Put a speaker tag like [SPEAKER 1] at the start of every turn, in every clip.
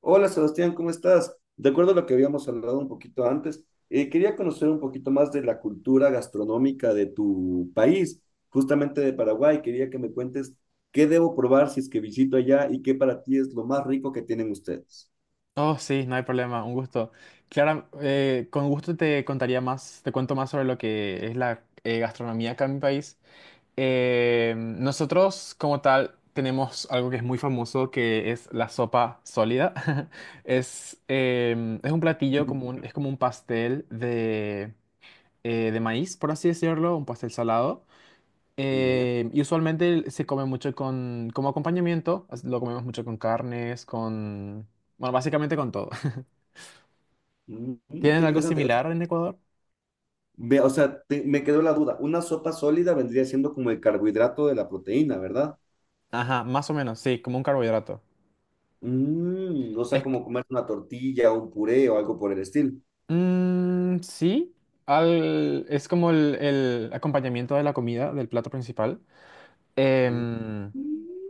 [SPEAKER 1] Hola Sebastián, ¿cómo estás? De acuerdo a lo que habíamos hablado un poquito antes, quería conocer un poquito más de la cultura gastronómica de tu país, justamente de Paraguay. Quería que me cuentes qué debo probar si es que visito allá y qué para ti es lo más rico que tienen ustedes.
[SPEAKER 2] Oh, sí, no hay problema, un gusto. Clara, con gusto te contaría más, te cuento más sobre lo que es la gastronomía acá en mi país. Nosotros, como tal, tenemos algo que es muy famoso, que es la sopa sólida. Es un platillo como un, es como un pastel de maíz, por así decirlo, un pastel salado.
[SPEAKER 1] Ya.
[SPEAKER 2] Y usualmente se come mucho con, como acompañamiento, lo comemos mucho con carnes, con... Bueno, básicamente con todo.
[SPEAKER 1] Mm, qué
[SPEAKER 2] ¿Tienen algo
[SPEAKER 1] interesante. O
[SPEAKER 2] similar
[SPEAKER 1] sea,
[SPEAKER 2] en Ecuador?
[SPEAKER 1] o sea, me quedó la duda. Una sopa sólida vendría siendo como el carbohidrato de la proteína, ¿verdad?
[SPEAKER 2] Ajá, más o menos, sí, como un carbohidrato.
[SPEAKER 1] Mm, o
[SPEAKER 2] Es
[SPEAKER 1] sea,
[SPEAKER 2] que-
[SPEAKER 1] como comer una tortilla, un puré o algo por el estilo.
[SPEAKER 2] mm, sí, es como el acompañamiento de la comida, del plato principal. Em,
[SPEAKER 1] Mm.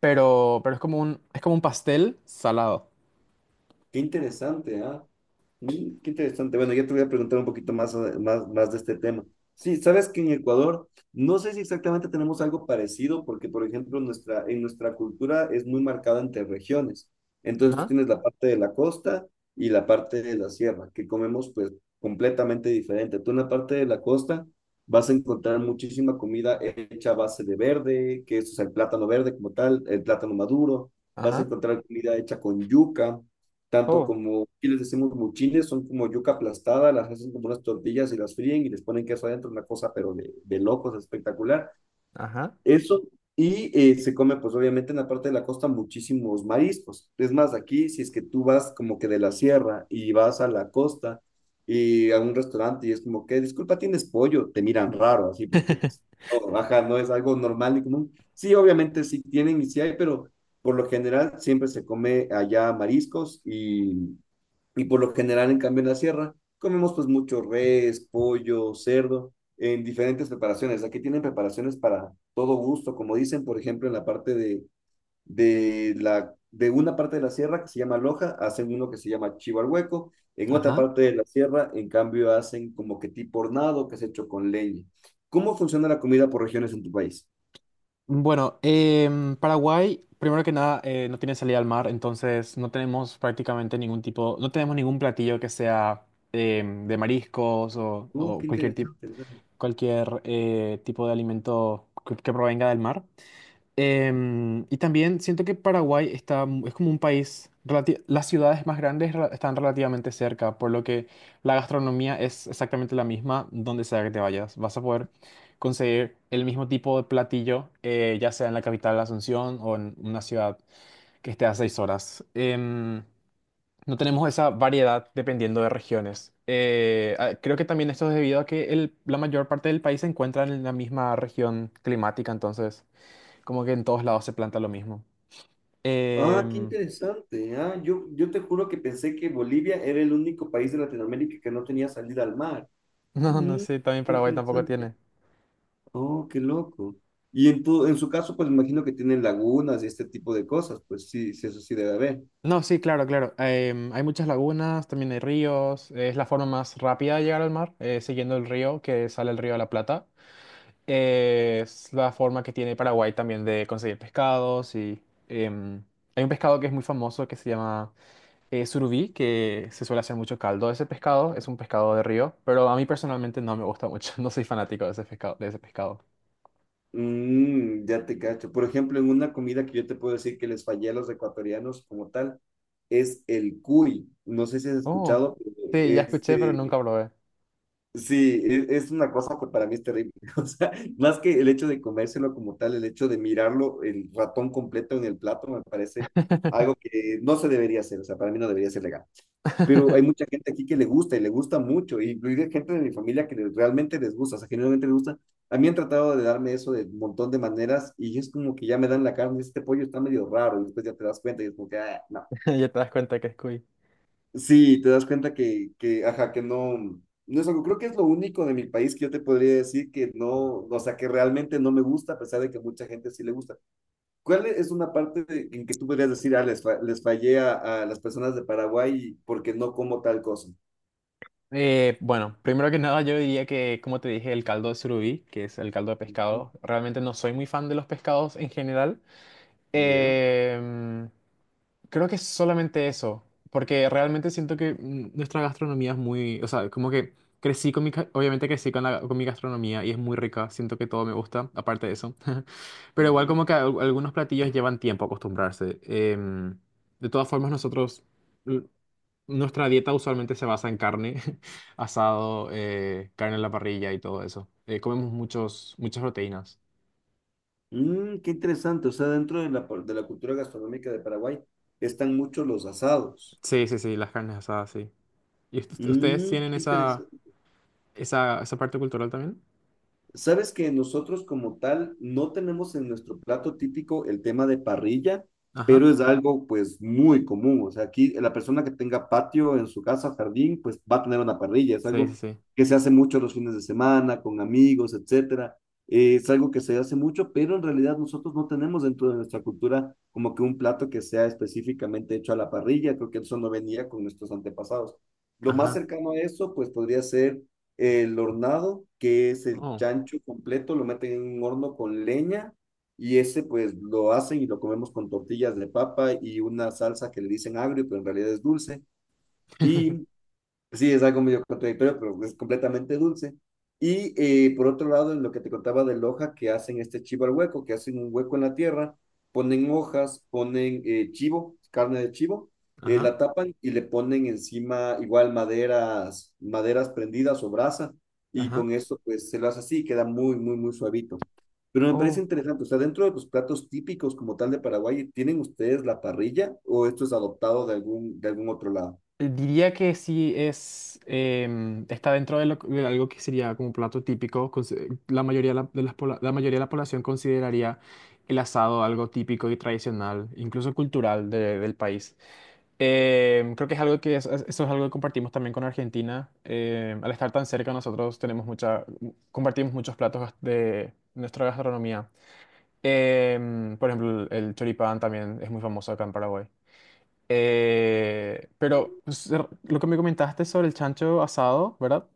[SPEAKER 2] pero es como un pastel salado.
[SPEAKER 1] Qué interesante, ¿ah? Mm, qué interesante. Bueno, ya te voy a preguntar un poquito más, más, más de este tema. Sí, sabes que en Ecuador, no sé si exactamente tenemos algo parecido, porque, por ejemplo, en nuestra cultura es muy marcada entre regiones. Entonces, tú
[SPEAKER 2] Ajá,
[SPEAKER 1] tienes la parte de la costa y la parte de la sierra, que comemos, pues, completamente diferente. Tú en la parte de la costa vas a encontrar muchísima comida hecha a base de verde, que es, o sea, el plátano verde como tal, el plátano maduro. Vas a
[SPEAKER 2] ajá,
[SPEAKER 1] encontrar comida hecha con yuca tanto
[SPEAKER 2] oh,
[SPEAKER 1] como aquí les decimos muchines, son como yuca aplastada, las hacen como unas tortillas y las fríen y les ponen queso adentro, una cosa pero de locos, espectacular.
[SPEAKER 2] ajá.
[SPEAKER 1] Eso, y se come pues obviamente en la parte de la costa muchísimos mariscos. Es más, aquí si es que tú vas como que de la sierra y vas a la costa y a un restaurante y es como que, disculpa, ¿tienes pollo? Te miran raro así porque pues, no, baja, no es algo normal y común. Sí, obviamente sí tienen y sí hay, pero... Por lo general siempre se come allá mariscos y por lo general, en cambio, en la sierra comemos pues mucho res, pollo, cerdo, en diferentes preparaciones. Aquí tienen preparaciones para todo gusto, como dicen, por ejemplo, en la parte de una parte de la sierra que se llama Loja, hacen uno que se llama chivo al hueco. En otra
[SPEAKER 2] Ajá.
[SPEAKER 1] parte de la sierra, en cambio, hacen como que tipo hornado, que es hecho con leña. ¿Cómo funciona la comida por regiones en tu país?
[SPEAKER 2] Bueno, Paraguay, primero que nada, no tiene salida al mar, entonces no tenemos prácticamente ningún tipo, no tenemos ningún platillo que sea de mariscos
[SPEAKER 1] Oh,
[SPEAKER 2] o
[SPEAKER 1] qué
[SPEAKER 2] cualquier tipo.
[SPEAKER 1] interesante.
[SPEAKER 2] Cualquier tipo de alimento que provenga del mar. Y también siento que Paraguay está, es como un país, las ciudades más grandes están relativamente cerca, por lo que la gastronomía es exactamente la misma donde sea que te vayas. Vas a poder conseguir el mismo tipo de platillo, ya sea en la capital Asunción o en una ciudad que esté a 6 horas. No tenemos esa variedad dependiendo de regiones. Creo que también esto es debido a que la mayor parte del país se encuentra en la misma región climática, entonces como que en todos lados se planta lo mismo.
[SPEAKER 1] Ah, qué
[SPEAKER 2] Em.
[SPEAKER 1] interesante. Ah, yo te juro que pensé que Bolivia era el único país de Latinoamérica que no tenía salida al mar.
[SPEAKER 2] No, no
[SPEAKER 1] Mm,
[SPEAKER 2] sé, también
[SPEAKER 1] qué
[SPEAKER 2] Paraguay tampoco
[SPEAKER 1] interesante.
[SPEAKER 2] tiene.
[SPEAKER 1] Oh, qué loco. Y en en su caso, pues imagino que tienen lagunas y este tipo de cosas. Pues sí, sí, eso sí debe haber.
[SPEAKER 2] No, sí, claro, claro. Hay muchas lagunas, también hay ríos. Es la forma más rápida de llegar al mar, siguiendo el río que sale el río de la Plata. Es la forma que tiene Paraguay también de conseguir pescados y... em, hay un pescado que es muy famoso que se llama surubí, que se suele hacer mucho caldo de ese pescado, es un pescado de río, pero a mí personalmente no me gusta mucho, no soy fanático de ese pescado, de ese pescado.
[SPEAKER 1] Mm, ya te cacho. Por ejemplo, en una comida que yo te puedo decir que les fallé a los ecuatorianos como tal, es el cuy. No sé si has
[SPEAKER 2] Oh,
[SPEAKER 1] escuchado, pero
[SPEAKER 2] sí, ya escuché, pero
[SPEAKER 1] este
[SPEAKER 2] nunca probé.
[SPEAKER 1] Sí, es una cosa que para mí es terrible. O sea, más que el hecho de comérselo como tal, el hecho de mirarlo, el ratón completo en el plato, me parece algo que no se debería hacer. O sea, para mí no debería ser legal. Pero hay mucha gente aquí que le gusta y le gusta mucho, y incluida gente de mi familia que realmente les gusta, o sea, genuinamente les gusta. A mí han tratado de darme eso de un montón de maneras y es como que ya me dan la carne, este pollo está medio raro, y después ya te das cuenta y es como que, ah, no.
[SPEAKER 2] Ya te das cuenta que es cuy.
[SPEAKER 1] Sí, te das cuenta que, ajá, que no, no es algo, creo que es lo único de mi país que yo te podría decir que no, o sea, que realmente no me gusta, a pesar de que mucha gente sí le gusta. ¿Cuál es una parte en que tú podrías decir, ah, les fallé a las personas de Paraguay porque no como tal cosa?
[SPEAKER 2] Bueno, primero que nada yo diría que, como te dije, el caldo de surubí, que es el caldo de
[SPEAKER 1] Ujú,
[SPEAKER 2] pescado, realmente no soy muy fan de los pescados en general.
[SPEAKER 1] ya,
[SPEAKER 2] Em, Creo que es solamente eso, porque realmente siento que mm, nuestra gastronomía es muy, o sea, como que crecí con mi, obviamente crecí con la, con mi gastronomía y es muy rica, siento que todo me gusta, aparte de eso, pero igual
[SPEAKER 1] ujú.
[SPEAKER 2] como que algunos platillos llevan tiempo acostumbrarse. De todas formas, nosotros, l- nuestra dieta usualmente se basa en carne, asado, carne en la parrilla y todo eso. Comemos muchas proteínas.
[SPEAKER 1] Mm, qué interesante, o sea, dentro de de la cultura gastronómica de Paraguay están muchos los asados.
[SPEAKER 2] Sí, sí, sí, las carnes asadas, sí. ¿Y ustedes
[SPEAKER 1] Mm,
[SPEAKER 2] tienen
[SPEAKER 1] qué
[SPEAKER 2] esa,
[SPEAKER 1] interesante.
[SPEAKER 2] esa, esa parte cultural también?
[SPEAKER 1] Sabes que nosotros como tal no tenemos en nuestro plato típico el tema de parrilla,
[SPEAKER 2] Ajá.
[SPEAKER 1] pero es algo pues muy común. O sea, aquí la persona que tenga patio en su casa, jardín, pues va a tener una parrilla. Es
[SPEAKER 2] Sí, sí,
[SPEAKER 1] algo
[SPEAKER 2] sí.
[SPEAKER 1] que se hace mucho los fines de semana, con amigos, etcétera. Es algo que se hace mucho, pero en realidad nosotros no tenemos dentro de nuestra cultura como que un plato que sea específicamente hecho a la parrilla. Creo que eso no venía con nuestros antepasados. Lo más
[SPEAKER 2] Ajá.
[SPEAKER 1] cercano a eso pues podría ser el hornado, que es el
[SPEAKER 2] Oh.
[SPEAKER 1] chancho completo, lo meten en un horno con leña y ese pues lo hacen y lo comemos con tortillas de papa y una salsa que le dicen agrio, pero en realidad es dulce. Y Sí, es algo medio contradictorio, pero es completamente dulce. Y por otro lado, en lo que te contaba de hoja que hacen este chivo al hueco, que hacen un hueco en la tierra, ponen hojas, ponen chivo, carne de chivo,
[SPEAKER 2] Ajá.
[SPEAKER 1] la tapan y le ponen encima igual maderas, maderas prendidas o brasa, y
[SPEAKER 2] Ajá.
[SPEAKER 1] con eso pues se lo hace así, queda muy suavito. Pero me parece
[SPEAKER 2] Oh,
[SPEAKER 1] interesante, o sea, dentro de los platos típicos como tal de Paraguay, ¿tienen ustedes la parrilla o esto es adoptado de de algún otro lado?
[SPEAKER 2] diría que sí es, está dentro de, de algo que sería como plato típico. La mayoría de la, de las la mayoría de la población consideraría el asado algo típico y tradicional, incluso cultural del país. Creo que es algo que eso es algo que compartimos también con Argentina. Al estar tan cerca, nosotros tenemos mucha, compartimos muchos platos de nuestra gastronomía. Por ejemplo, el choripán también es muy famoso acá en Paraguay. Pero pues, lo que me comentaste sobre el chancho asado, ¿verdad?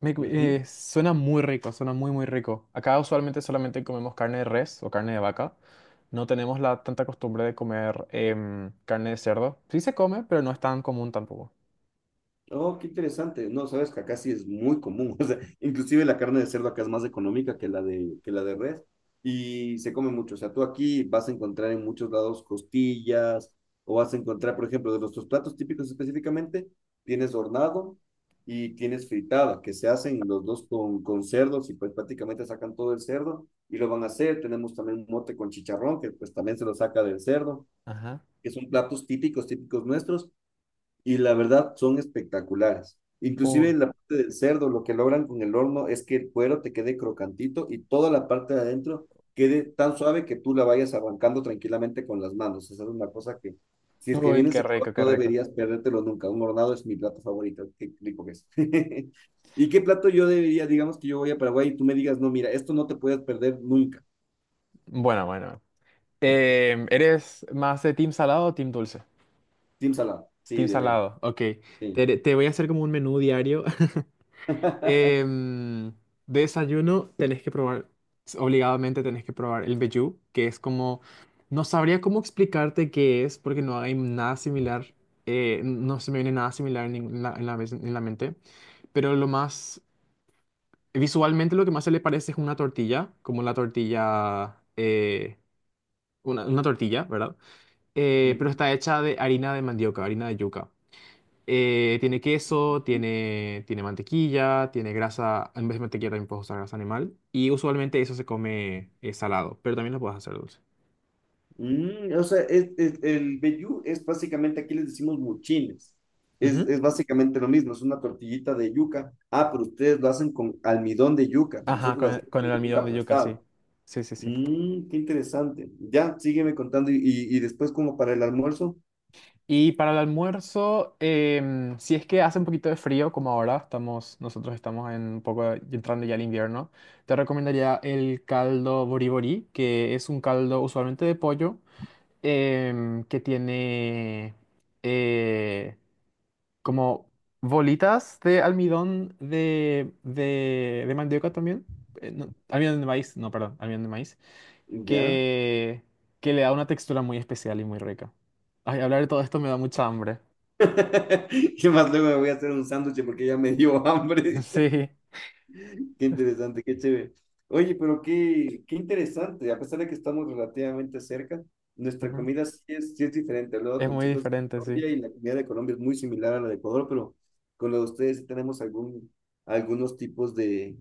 [SPEAKER 1] Ujú.
[SPEAKER 2] Suena muy rico, suena muy, muy rico. Acá usualmente solamente comemos carne de res o carne de vaca. No tenemos la tanta costumbre de comer carne de cerdo. Sí se come, pero no es tan común tampoco.
[SPEAKER 1] Oh, qué interesante. No, sabes que acá sí es muy común. O sea, inclusive la carne de cerdo acá es más económica que que la de res y se come mucho. O sea, tú aquí vas a encontrar en muchos lados costillas o vas a encontrar, por ejemplo, de nuestros platos típicos específicamente, tienes hornado y tienes fritada, que se hacen los dos con cerdos y pues prácticamente sacan todo el cerdo y lo van a hacer. Tenemos también un mote con chicharrón, que pues también se lo saca del cerdo,
[SPEAKER 2] Ajá.
[SPEAKER 1] que son platos típicos, típicos nuestros y la verdad son espectaculares. Inclusive
[SPEAKER 2] Uy,
[SPEAKER 1] la parte del cerdo, lo que logran con el horno es que el cuero te quede crocantito y toda la parte de adentro quede tan suave que tú la vayas arrancando tranquilamente con las manos. Esa es una cosa que, si es que
[SPEAKER 2] uy,
[SPEAKER 1] vienes a
[SPEAKER 2] qué
[SPEAKER 1] Ecuador,
[SPEAKER 2] rico, qué
[SPEAKER 1] no
[SPEAKER 2] rico.
[SPEAKER 1] deberías perdértelo nunca. Un hornado es mi plato favorito, qué rico que es. ¿Y qué plato yo debería, digamos que yo voy a Paraguay y tú me digas, no, mira, esto no te puedes perder nunca.
[SPEAKER 2] Bueno, bueno. ¿Eres más de team salado o team dulce?
[SPEAKER 1] Team salado, sí,
[SPEAKER 2] Team
[SPEAKER 1] de ley,
[SPEAKER 2] salado, ok.
[SPEAKER 1] sí.
[SPEAKER 2] Te voy a hacer como un menú diario. Em, de desayuno tenés que probar, obligadamente tenés que probar el vellú, que es como, no sabría cómo explicarte qué es, porque no hay nada similar, no se me viene nada similar en, en la, en la en la mente, pero lo más, visualmente lo que más se le parece es una tortilla, como la tortilla, una tortilla, ¿verdad? Pero está hecha de harina de mandioca, harina de yuca. Tiene queso, tiene, tiene mantequilla, tiene grasa. En vez de mantequilla también puedes usar grasa animal. Y usualmente eso se come salado, pero también lo puedes hacer dulce.
[SPEAKER 1] Mm, o sea, el vellú es básicamente, aquí les decimos muchines.
[SPEAKER 2] Ujú.
[SPEAKER 1] Es básicamente lo mismo, es una tortillita de yuca. Ah, pero ustedes lo hacen con almidón de yuca.
[SPEAKER 2] Ajá,
[SPEAKER 1] Nosotros lo hacemos
[SPEAKER 2] con el
[SPEAKER 1] con la yuca
[SPEAKER 2] almidón de yuca, sí.
[SPEAKER 1] aplastada.
[SPEAKER 2] Sí, sí, sí.
[SPEAKER 1] Mm, qué interesante. Ya, sígueme contando y después como para el almuerzo.
[SPEAKER 2] Y para el almuerzo, si es que hace un poquito de frío, como ahora, estamos, nosotros estamos en un poco entrando ya al invierno, te recomendaría el caldo boribori, que es un caldo usualmente de pollo, que tiene, eh, como bolitas de almidón de, de mandioca también. No, almidón de maíz, no, perdón, almidón de maíz.
[SPEAKER 1] Ya.
[SPEAKER 2] Que, que le da una textura muy especial y muy rica. Ay, hablar de todo esto me da mucha hambre.
[SPEAKER 1] ¿Qué más luego me voy a hacer un sándwich porque ya me dio hambre?
[SPEAKER 2] Sí.
[SPEAKER 1] Qué interesante, qué chévere. Oye, pero qué interesante. A pesar de que estamos relativamente cerca, nuestra
[SPEAKER 2] Ujú.
[SPEAKER 1] comida sí es diferente. Hablaba
[SPEAKER 2] Es
[SPEAKER 1] con
[SPEAKER 2] muy
[SPEAKER 1] chicos de
[SPEAKER 2] diferente, sí.
[SPEAKER 1] Colombia y la comida de Colombia es muy similar a la de Ecuador, pero con la de ustedes sí tenemos algunos tipos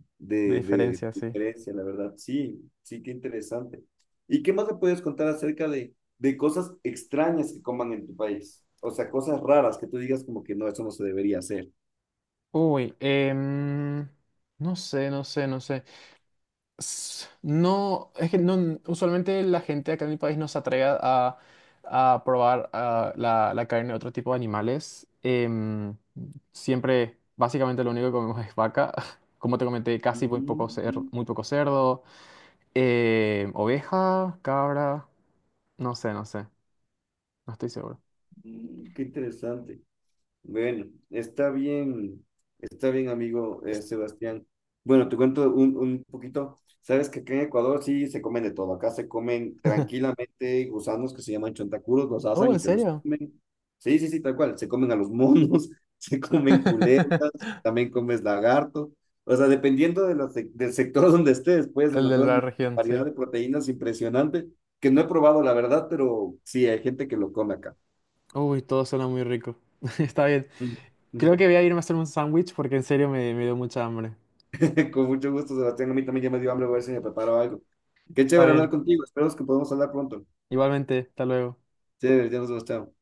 [SPEAKER 2] De
[SPEAKER 1] de
[SPEAKER 2] diferencia, sí.
[SPEAKER 1] diferencia, la verdad. Sí, sí, qué interesante. ¿Y qué más me puedes contar acerca de cosas extrañas que coman en tu país? O sea, cosas raras que tú digas como que no, eso no se debería hacer.
[SPEAKER 2] Uy, no sé, no sé, no sé. No, es que no, usualmente la gente acá en mi país no se atreve a probar ah, la carne de otro tipo de animales. Siempre, básicamente lo único que comemos es vaca. Como te comenté, casi muy poco cerdo,
[SPEAKER 1] Mm,
[SPEAKER 2] muy poco cerdo. Oveja, cabra, no sé, no sé, no estoy seguro.
[SPEAKER 1] mm, qué interesante. Bueno, está bien, amigo Sebastián. Bueno, te cuento un poquito. Sabes que acá en Ecuador sí se comen de todo. Acá se comen tranquilamente gusanos que se llaman chontacuros, los
[SPEAKER 2] Oh,
[SPEAKER 1] asan
[SPEAKER 2] ¿en
[SPEAKER 1] y se los
[SPEAKER 2] serio?
[SPEAKER 1] comen. Sí, sí, sí, tal cual. Se comen a los monos, se comen culebras, también comes lagarto. O sea, dependiendo de la del sector donde estés, puedes
[SPEAKER 2] El de
[SPEAKER 1] encontrar
[SPEAKER 2] la
[SPEAKER 1] una
[SPEAKER 2] región, sí.
[SPEAKER 1] variedad de proteínas impresionante que no he probado, la verdad, pero sí, hay gente que lo come acá.
[SPEAKER 2] Uy, todo suena muy rico. Está bien.
[SPEAKER 1] Ujú.
[SPEAKER 2] Creo que voy a irme a hacer un sándwich porque en serio me, me dio mucha hambre.
[SPEAKER 1] Con mucho gusto, Sebastián. A mí también ya me dio hambre, voy a ver si me preparo algo. Qué
[SPEAKER 2] Está
[SPEAKER 1] chévere hablar
[SPEAKER 2] bien.
[SPEAKER 1] contigo. Espero que podamos hablar pronto.
[SPEAKER 2] Igualmente, hasta luego.
[SPEAKER 1] Chévere, ya nos vemos, chao.